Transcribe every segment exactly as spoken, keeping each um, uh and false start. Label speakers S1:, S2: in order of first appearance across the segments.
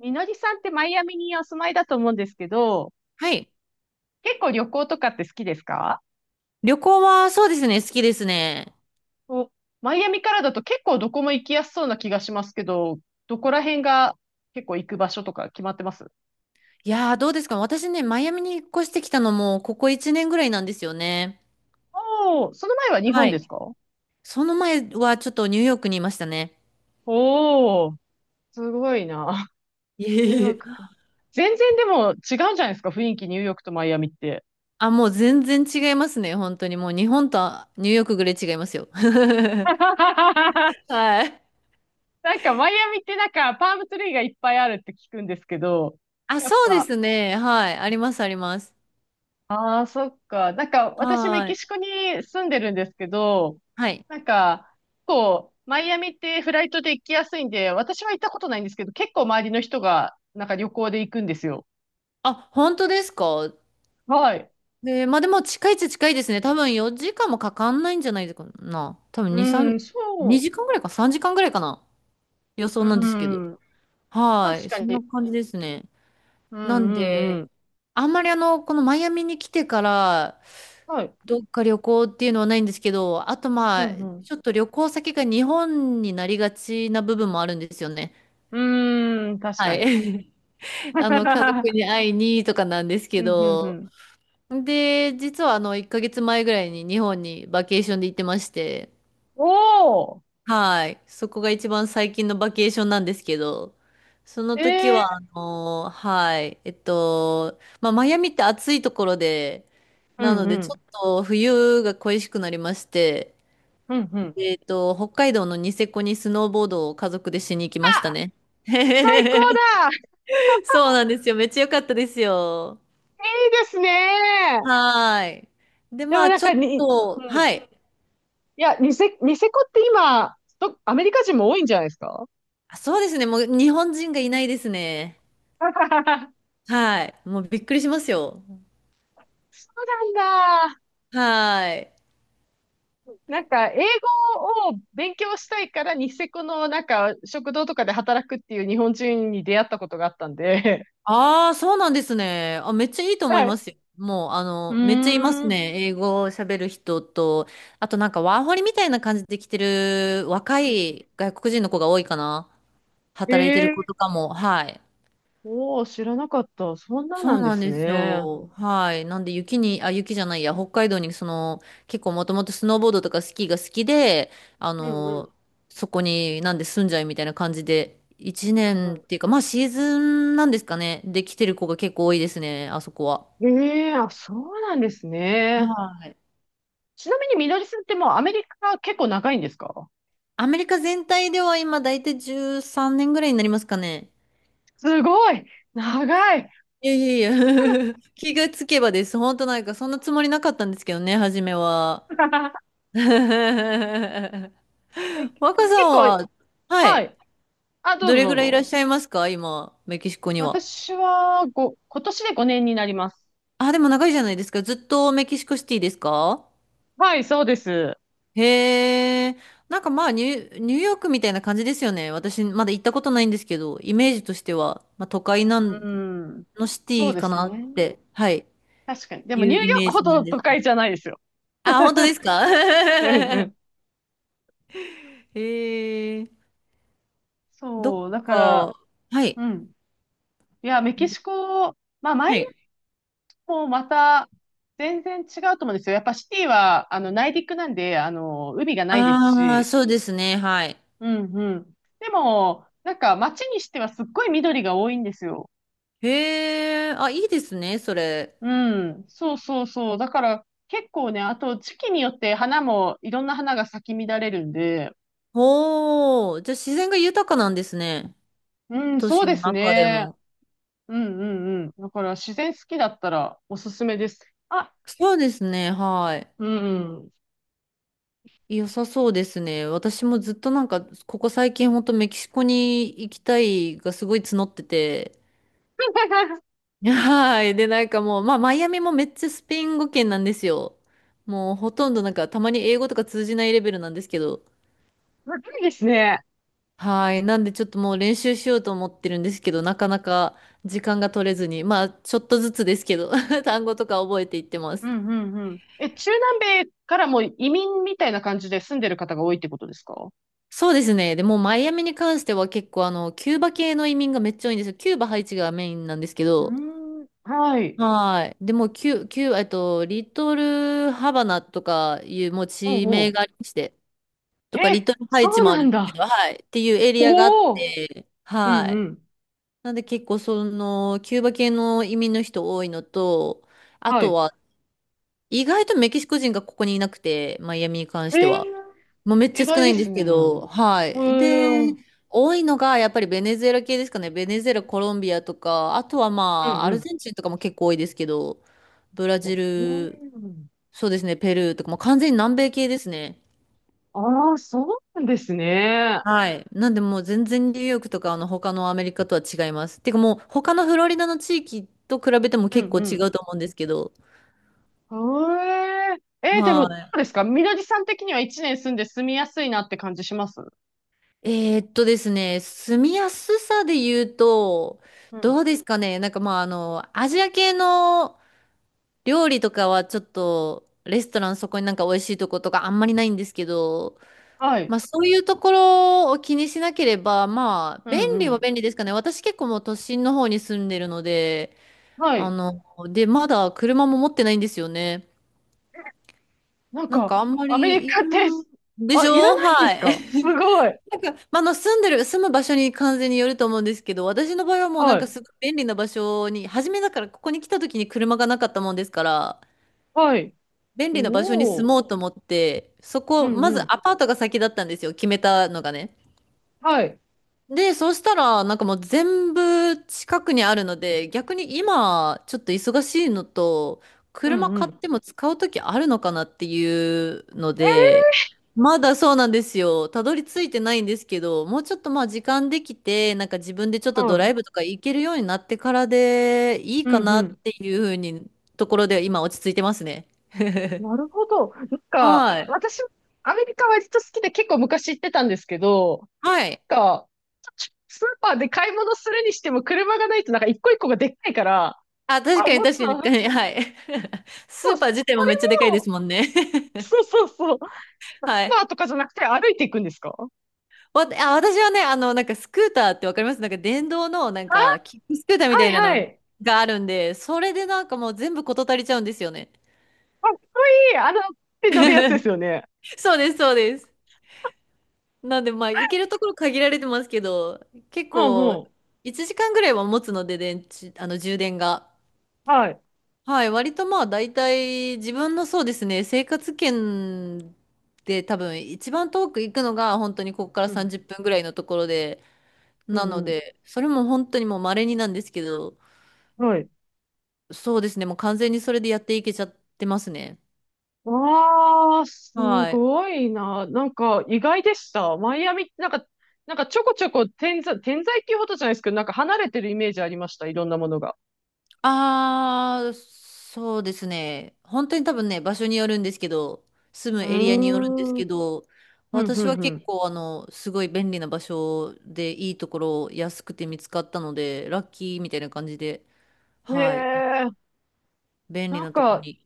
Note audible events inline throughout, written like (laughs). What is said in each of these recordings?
S1: みのりさんってマイアミにお住まいだと思うんですけど、
S2: はい。
S1: 結構旅行とかって好きですか？
S2: 旅行はそうですね、好きですね。
S1: お、マイアミからだと結構どこも行きやすそうな気がしますけど、どこら辺が結構行く場所とか決まってます？
S2: いやー、どうですか、私ね、マイアミに引っ越してきたのも、ここいちねんぐらいなんですよね。
S1: おー、その前は日
S2: は
S1: 本です
S2: い。
S1: か？
S2: その前はちょっとニューヨークにいましたね。
S1: おー、すごいな。
S2: い
S1: (laughs)
S2: え
S1: ニュー
S2: い
S1: ヨー
S2: え。
S1: クか。全然でも違うんじゃないですか？雰囲気ニューヨークとマイアミって。
S2: あ、もう全然違いますね、本当に。もう日本とニューヨークぐらい違いますよ。(laughs) は
S1: (laughs)
S2: い。
S1: なんかマイアミってなんかパームツリーがいっぱいあるって聞くんですけど、
S2: あ、
S1: やっ
S2: そうで
S1: ぱ
S2: すね。はい。あります、あります。
S1: ああ、そっか。なんか、私メ
S2: は
S1: キ
S2: い。
S1: シコに住んでるんですけど、
S2: はい。
S1: なんか、こう、マイアミってフライトで行きやすいんで、私は行ったことないんですけど、結構周りの人が、なんか旅行で行くんですよ。
S2: あ、本当ですか？
S1: はい。
S2: で、まあでも近いっちゃ近いですね。多分よじかんもかかんないんじゃないかな。多分
S1: う
S2: に、さん、
S1: ん、そ
S2: にじかんぐらいかさんじかんぐらいかな。予
S1: う。
S2: 想なんです
S1: う
S2: けど。
S1: ん。
S2: は
S1: 確
S2: い。
S1: か
S2: そんな
S1: に。
S2: 感じですね。
S1: うん、う
S2: なん
S1: ん、う
S2: で、
S1: ん。
S2: あんまりあの、このマイアミに来てから、
S1: はい。
S2: どっか旅行っていうのはないんですけど、あとま
S1: う
S2: あ、
S1: ん、
S2: ちょっと旅行先が日本になりがちな部分もあるんですよね。
S1: うん。うーん、確
S2: は
S1: か
S2: い。
S1: に。
S2: (laughs) あの、家族
S1: (laughs)
S2: に会いにとかなんです
S1: う
S2: け
S1: ん、うん、う
S2: ど、
S1: ん。
S2: で、実はあの、いっかげつまえぐらいに日本にバケーションで行ってまして、
S1: おー。
S2: はい。そこが一番最近のバケーションなんですけど、その時
S1: え
S2: は、
S1: え
S2: あのーはい。えっと、まあ、マイアミって暑いところで、
S1: ー。う
S2: な
S1: ん、
S2: の
S1: う
S2: で、ちょ
S1: ん。
S2: っと冬が恋しくなりまして、
S1: うん、うん。
S2: で、えっと、北海道のニセコにスノーボードを家族でしに行きました
S1: あ、
S2: ね。
S1: 最高
S2: (laughs)
S1: だ。い
S2: そうなんですよ。めっちゃ良かったですよ。
S1: いですね。
S2: はい。で、
S1: で
S2: ま
S1: も
S2: あ、
S1: なん
S2: ちょ
S1: か
S2: っ
S1: に、
S2: と、
S1: う
S2: は
S1: ん。
S2: い。
S1: いや、ニセ、ニセコって今、どアメリカ人も多いんじゃないですか？
S2: あ、そうですね。もう日本人がいないですね。
S1: (laughs)
S2: はい。もうびっくりしますよ。
S1: そうなんだ。
S2: はい。
S1: なんか、英語を勉強したいから、ニセコのなんか、食堂とかで働くっていう日本人に出会ったことがあったんで。
S2: ああ、そうなんですね。あ、めっちゃいいと
S1: (laughs)
S2: 思
S1: は
S2: いま
S1: い。
S2: すよ。もう、あ
S1: う
S2: の、めっちゃいます
S1: ーん。
S2: ね。英語を喋る人と、あとなんかワーホリみたいな感じで来てる若い外国人の子が多いかな。
S1: え
S2: 働いてる子
S1: え、
S2: とかも。はい。
S1: おおー、知らなかった。そんな
S2: そう
S1: なんで
S2: なん
S1: す
S2: です
S1: ね。
S2: よ。はい。なんで雪に、あ、雪じゃないや、北海道にその、結構もともとスノーボードとかスキーが好きで、あ
S1: うんうん。うん
S2: の、そこになんで住んじゃいみたいな感じで、一年っ
S1: う
S2: ていうか、まあシーズンなんですかね。で来てる子が結構多いですね、あそこは。
S1: ん、ええ、あ、そうなんですね。
S2: はい。
S1: ちなみに、みのりさんってもうアメリカ結構長いんですか？
S2: アメリカ全体では今大体じゅうさんねんぐらいになりますかね。
S1: すごい長い。
S2: いやいやいや。 (laughs) 気がつけばです。本当なんかそんなつもりなかったんですけどね、初めは。
S1: (laughs)
S2: (laughs)
S1: え、結
S2: 若さん
S1: 構、
S2: は、は
S1: は
S2: い、
S1: い。あ、どう
S2: ど
S1: ぞ
S2: れ
S1: ど
S2: ぐ
S1: う
S2: らいいらっ
S1: ぞ。
S2: しゃいますか今、メキシコには。
S1: 私はご、今年でごねんになります。
S2: あ、でも長いじゃないですか。ずっとメキシコシティですか？
S1: はい、そうです。
S2: へえ。なんかまあニュ、ニューヨークみたいな感じですよね。私、まだ行ったことないんですけど、イメージとしては、まあ、都会なん
S1: うん。
S2: のシテ
S1: そう
S2: ィ
S1: で
S2: か
S1: す
S2: な
S1: ね。
S2: って、はい、
S1: 確かに。でも
S2: いう
S1: ニューヨ
S2: イ
S1: ー
S2: メー
S1: クほ
S2: ジな
S1: ど
S2: んで
S1: 都
S2: すけ
S1: 会
S2: ど。
S1: じゃないですよ。
S2: あ、本当ですか？
S1: うんうん。
S2: (laughs) へえ。どっ
S1: そう。だから、
S2: か、はい、
S1: うん。いや、メキシコ、まあ、マイ
S2: は
S1: アミ
S2: い。
S1: もまた全然違うと思うんですよ。やっぱシティは、あの、内陸なんで、あの、海がないです
S2: ああ、
S1: し、
S2: そうですね、はい。
S1: うんうん。でも、なんか街にしてはすっごい緑が多いんですよ。
S2: へえ、あ、いいですね、それ。
S1: うん。そうそうそう。だから結構ね、あと時期によって花も、いろんな花が咲き乱れるんで、
S2: おー、じゃあ自然が豊かなんですね。
S1: うん、
S2: 都
S1: そう
S2: 市
S1: で
S2: の
S1: す
S2: 中で
S1: ね。
S2: も。
S1: うんうんうん。だから自然好きだったらおすすめです。あ、
S2: そうですね、はい。
S1: うん。
S2: 良さそうですね。私もずっとなんか、ここ最近ほんとメキシコに行きたいがすごい募ってて。
S1: (laughs)
S2: はい。で、なんかもう、まあ、マイアミもめっちゃスペイン語圏なんですよ。もうほとんどなんか、たまに英語とか通じないレベルなんですけど。
S1: 若いですね。
S2: はい。なんでちょっともう練習しようと思ってるんですけど、なかなか時間が取れずに、まあちょっとずつですけど、(laughs) 単語とか覚えていってま
S1: う
S2: す。
S1: んうんうん。え、中南米からも移民みたいな感じで住んでる方が多いってことですか？
S2: そうですね。でもうマイアミに関しては結構あの、キューバ系の移民がめっちゃ多いんですよ。キューバ、ハイチがメインなんですけ
S1: う
S2: ど、
S1: ーん。はい。
S2: はい。でもうキュ、キュー、えっと、リトルハバナとかいうもう
S1: ほう
S2: 地名
S1: ほ
S2: がありまして、
S1: う。
S2: とかリ
S1: え、
S2: トルハイ
S1: そ
S2: チ
S1: う
S2: もあ
S1: な
S2: るん
S1: ん
S2: ですけ
S1: だ。
S2: ど、はい。っていうエリアがあっ
S1: おお、
S2: て、
S1: うん
S2: は
S1: う
S2: い。
S1: ん。
S2: なんで結構その、キューバ系の移民の人多いのと、あ
S1: は
S2: と
S1: い。
S2: は、意外とメキシコ人がここにいなくて、マイアミに関
S1: え
S2: して
S1: え、
S2: は。もうめっち
S1: 意
S2: ゃ少
S1: 外
S2: な
S1: で
S2: いんで
S1: す
S2: す
S1: ね。
S2: けど、は
S1: ええ、
S2: い。で、
S1: うん
S2: 多いのがやっぱりベネズエラ系ですかね。ベネズエラ、コロンビアとか、あとは
S1: う
S2: まあ、アル
S1: ん。
S2: ゼンチンとかも結構多いですけど、ブラジ
S1: おう
S2: ル、
S1: ん、
S2: そうですね、ペルーとか、もう完全に南米系ですね。
S1: ああ、そうなんですね。
S2: はい。なんでもう全然ニューヨークとかあの他のアメリカとは違います。てかもう他のフロリダの地域と比べても
S1: うん
S2: 結構
S1: う
S2: 違
S1: ん。
S2: うと思うんですけど。
S1: ええ、えー、でも、どう
S2: は
S1: ですかみのりさん的には一年住んで住みやすいなって感じします？
S2: い。えーっとですね、住みやすさで言うと、
S1: うん。
S2: どうですかね。なんかまああの、アジア系の料理とかはちょっと、レストランそこになんか美味しいとことかあんまりないんですけど、
S1: は
S2: ま
S1: い。
S2: あそういうところを気にしなければ、まあ
S1: う
S2: 便
S1: んう
S2: 利は
S1: ん。
S2: 便利ですかね。私結構もう都心の方に住んでるので、
S1: は
S2: あ
S1: い。
S2: の、で、まだ車も持ってないんですよね。
S1: なん
S2: なん
S1: か、
S2: かあんま
S1: アメリ
S2: りい
S1: カっ
S2: る
S1: て、
S2: で
S1: あ、
S2: し
S1: いら
S2: ょ、
S1: ないんで
S2: は
S1: す
S2: い。
S1: か？すご
S2: (laughs)
S1: い。
S2: なんか、まあ、あの、住んでる、住む場所に完全によると思うんですけど、私の場合はもうな
S1: は
S2: んか
S1: い。
S2: すごい便利な場所に、初めだからここに来た時に車がなかったもんですから、
S1: はい。
S2: 便利な場所に
S1: お
S2: 住
S1: お。
S2: もうと思って、そ
S1: う
S2: こ、
S1: ん
S2: ま
S1: う
S2: ず
S1: ん。
S2: アパートが先だったんですよ、決めたのがね。
S1: はい。
S2: で、そしたら、なんかもう全部近くにあるので、逆に今、ちょっと忙しいのと、
S1: うん
S2: 車
S1: う
S2: 買っ
S1: ん。
S2: ても使うときあるのかなっていうので、まだそうなんですよ。たどり着いてないんですけど、もうちょっとまあ時間できて、なんか自分でちょっと
S1: は
S2: ドラ
S1: い。
S2: イブとか行けるようになってからでいい
S1: うん
S2: か
S1: う
S2: なっ
S1: ん。
S2: ていうふうに、ところで今落ち着いてますね。
S1: なるほど。なんか、
S2: はい。
S1: 私、アメリカ割と好きで結構昔行ってたんですけど、
S2: はい。
S1: なんか、スーパーで買い物するにしても車がないとなんか一個一個がでっかいから、
S2: あ、確
S1: あ、
S2: かに
S1: もち
S2: 確
S1: ろ
S2: か
S1: ん、
S2: に、はい。(laughs) ス
S1: そう、
S2: ーパー
S1: そ
S2: 自体も
S1: れ
S2: めっちゃでかいで
S1: も、
S2: すもんね。
S1: そうそうそう、ス
S2: (laughs)
S1: ー
S2: はい。
S1: パーとかじゃなくて歩いていくんですか？
S2: わ、あ、私はね、あの、なんかスクーターってわかります？なんか電動の、なん
S1: あ、
S2: か、キックスクーターみた
S1: は
S2: いな
S1: いは
S2: の
S1: い。
S2: があるんで、それでなんかもう全部事足りちゃうんですよね。
S1: かっこいい。あの、手乗るやつです
S2: (laughs)
S1: よね。
S2: そうです、そうです。なんで、まあ、行けるところ限られてますけど、結
S1: うん
S2: 構、
S1: うん。
S2: いちじかんぐらいは持つので、電池、あの、充電が。
S1: はい。
S2: はい、割とまあ、大体、自分のそうですね、生活圏で多分、一番遠く行くのが、本当にここから
S1: うん。
S2: さんじゅっぷんぐらいのところで、
S1: う
S2: なの
S1: んうん。
S2: で、それも本当にもう稀になんですけど、そうですね。もう完全にそれでやっていけちゃってますね。
S1: わあ、す
S2: はい。
S1: ごいな。なんか意外でした。マイアミってなんか、なんかちょこちょこ点在、点在っていうほどじゃないですけど、なんか離れてるイメージありました。いろんなものが。
S2: ああ、そうですね。本当に多分ね、場所によるんですけど、住
S1: う
S2: む
S1: ー
S2: エリアによるんです
S1: ん。うん、
S2: けど、
S1: う
S2: 私は結
S1: ん、
S2: 構あの、すごい便利な場所でいいところ安くて見つかったので、ラッキーみたいな感じで、
S1: うん。へ
S2: はい。
S1: え。
S2: 便利
S1: なん
S2: なとこ
S1: か、
S2: に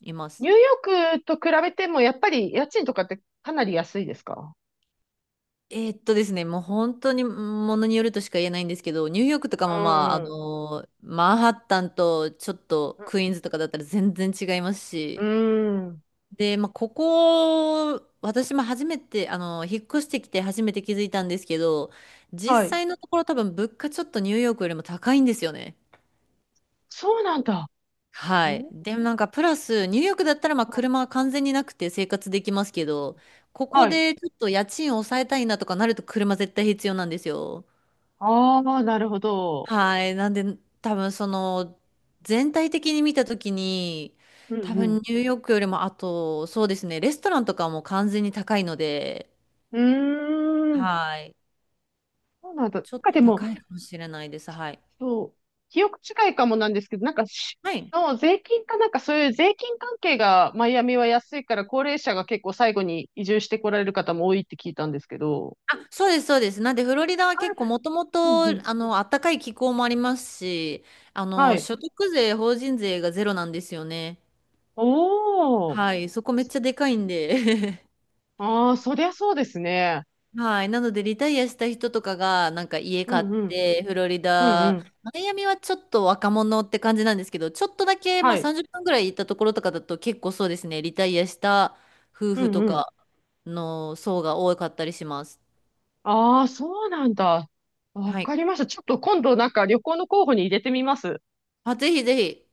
S2: いま
S1: ニュ
S2: す。
S1: ーヨークと比べても、やっぱり家賃とかってかなり安いですか？
S2: えーっとですね、もう本当にものによるとしか言えないんですけど、ニューヨークと
S1: う
S2: かもまあ、あ
S1: ーん。
S2: のーマンハッタンとちょっと
S1: う
S2: クイーンズとかだったら全然違います
S1: ん。う
S2: し、
S1: ーん、
S2: で、まあ、ここ、私も初めて、あのー引っ越してきて初めて気づいたんですけど、
S1: は
S2: 実
S1: い。
S2: 際のところ多分物価ちょっとニューヨークよりも高いんですよね。
S1: そうなんだ。
S2: はい。
S1: ん
S2: で、なんかプラス、ニューヨークだったらまあ
S1: あ、
S2: 車は完全になくて生活できますけど、ここ
S1: はい。
S2: でちょっと家賃を抑えたいなとかなると車絶対必要なんですよ。
S1: ああ、なるほど。
S2: はい。なんで、多分その、全体的に見たときに、
S1: う
S2: 多
S1: ん
S2: 分ニ
S1: う
S2: ューヨークよりも、あと、そうですね、レストランとかも完全に高いので、
S1: ん。うーん。
S2: はい。
S1: そうなんだ。なん
S2: ちょっと
S1: かでも、
S2: 高いかもしれないです。はい。
S1: そう、記憶違いかもなんですけど、なんかし、
S2: はい。
S1: の税金かなんかそういう税金関係がマイアミは安いから高齢者が結構最後に移住してこられる方も多いって聞いたんですけど。
S2: そうです、そうです。なんで、フロリダは
S1: あ、
S2: 結構もとも
S1: うん
S2: と、
S1: うん。
S2: あの、暖かい気候もありますし、あ
S1: は
S2: の、
S1: い。
S2: 所得税、法人税がゼロなんですよね。
S1: おー。
S2: はい。そこめっちゃでかいんで。 (laughs)
S1: ああ、そりゃそうですね。
S2: はい。なので、リタイアした人とかが、なんか家
S1: う
S2: 買っ
S1: んうん。
S2: て、フロリ
S1: うんう
S2: ダ、
S1: ん。
S2: マイアミはちょっと若者って感じなんですけど、ちょっとだけ、ま
S1: は
S2: あ
S1: い。
S2: さんじゅっぷんぐらい行ったところとかだと結構そうですね、リタイアした夫
S1: う
S2: 婦
S1: ん
S2: と
S1: うん。
S2: かの層が多かったりします。
S1: ああ、そうなんだ。わ
S2: はい。
S1: かりました。ちょっと今度なんか旅行の候補に入れてみます。
S2: まあ、ぜひぜひ。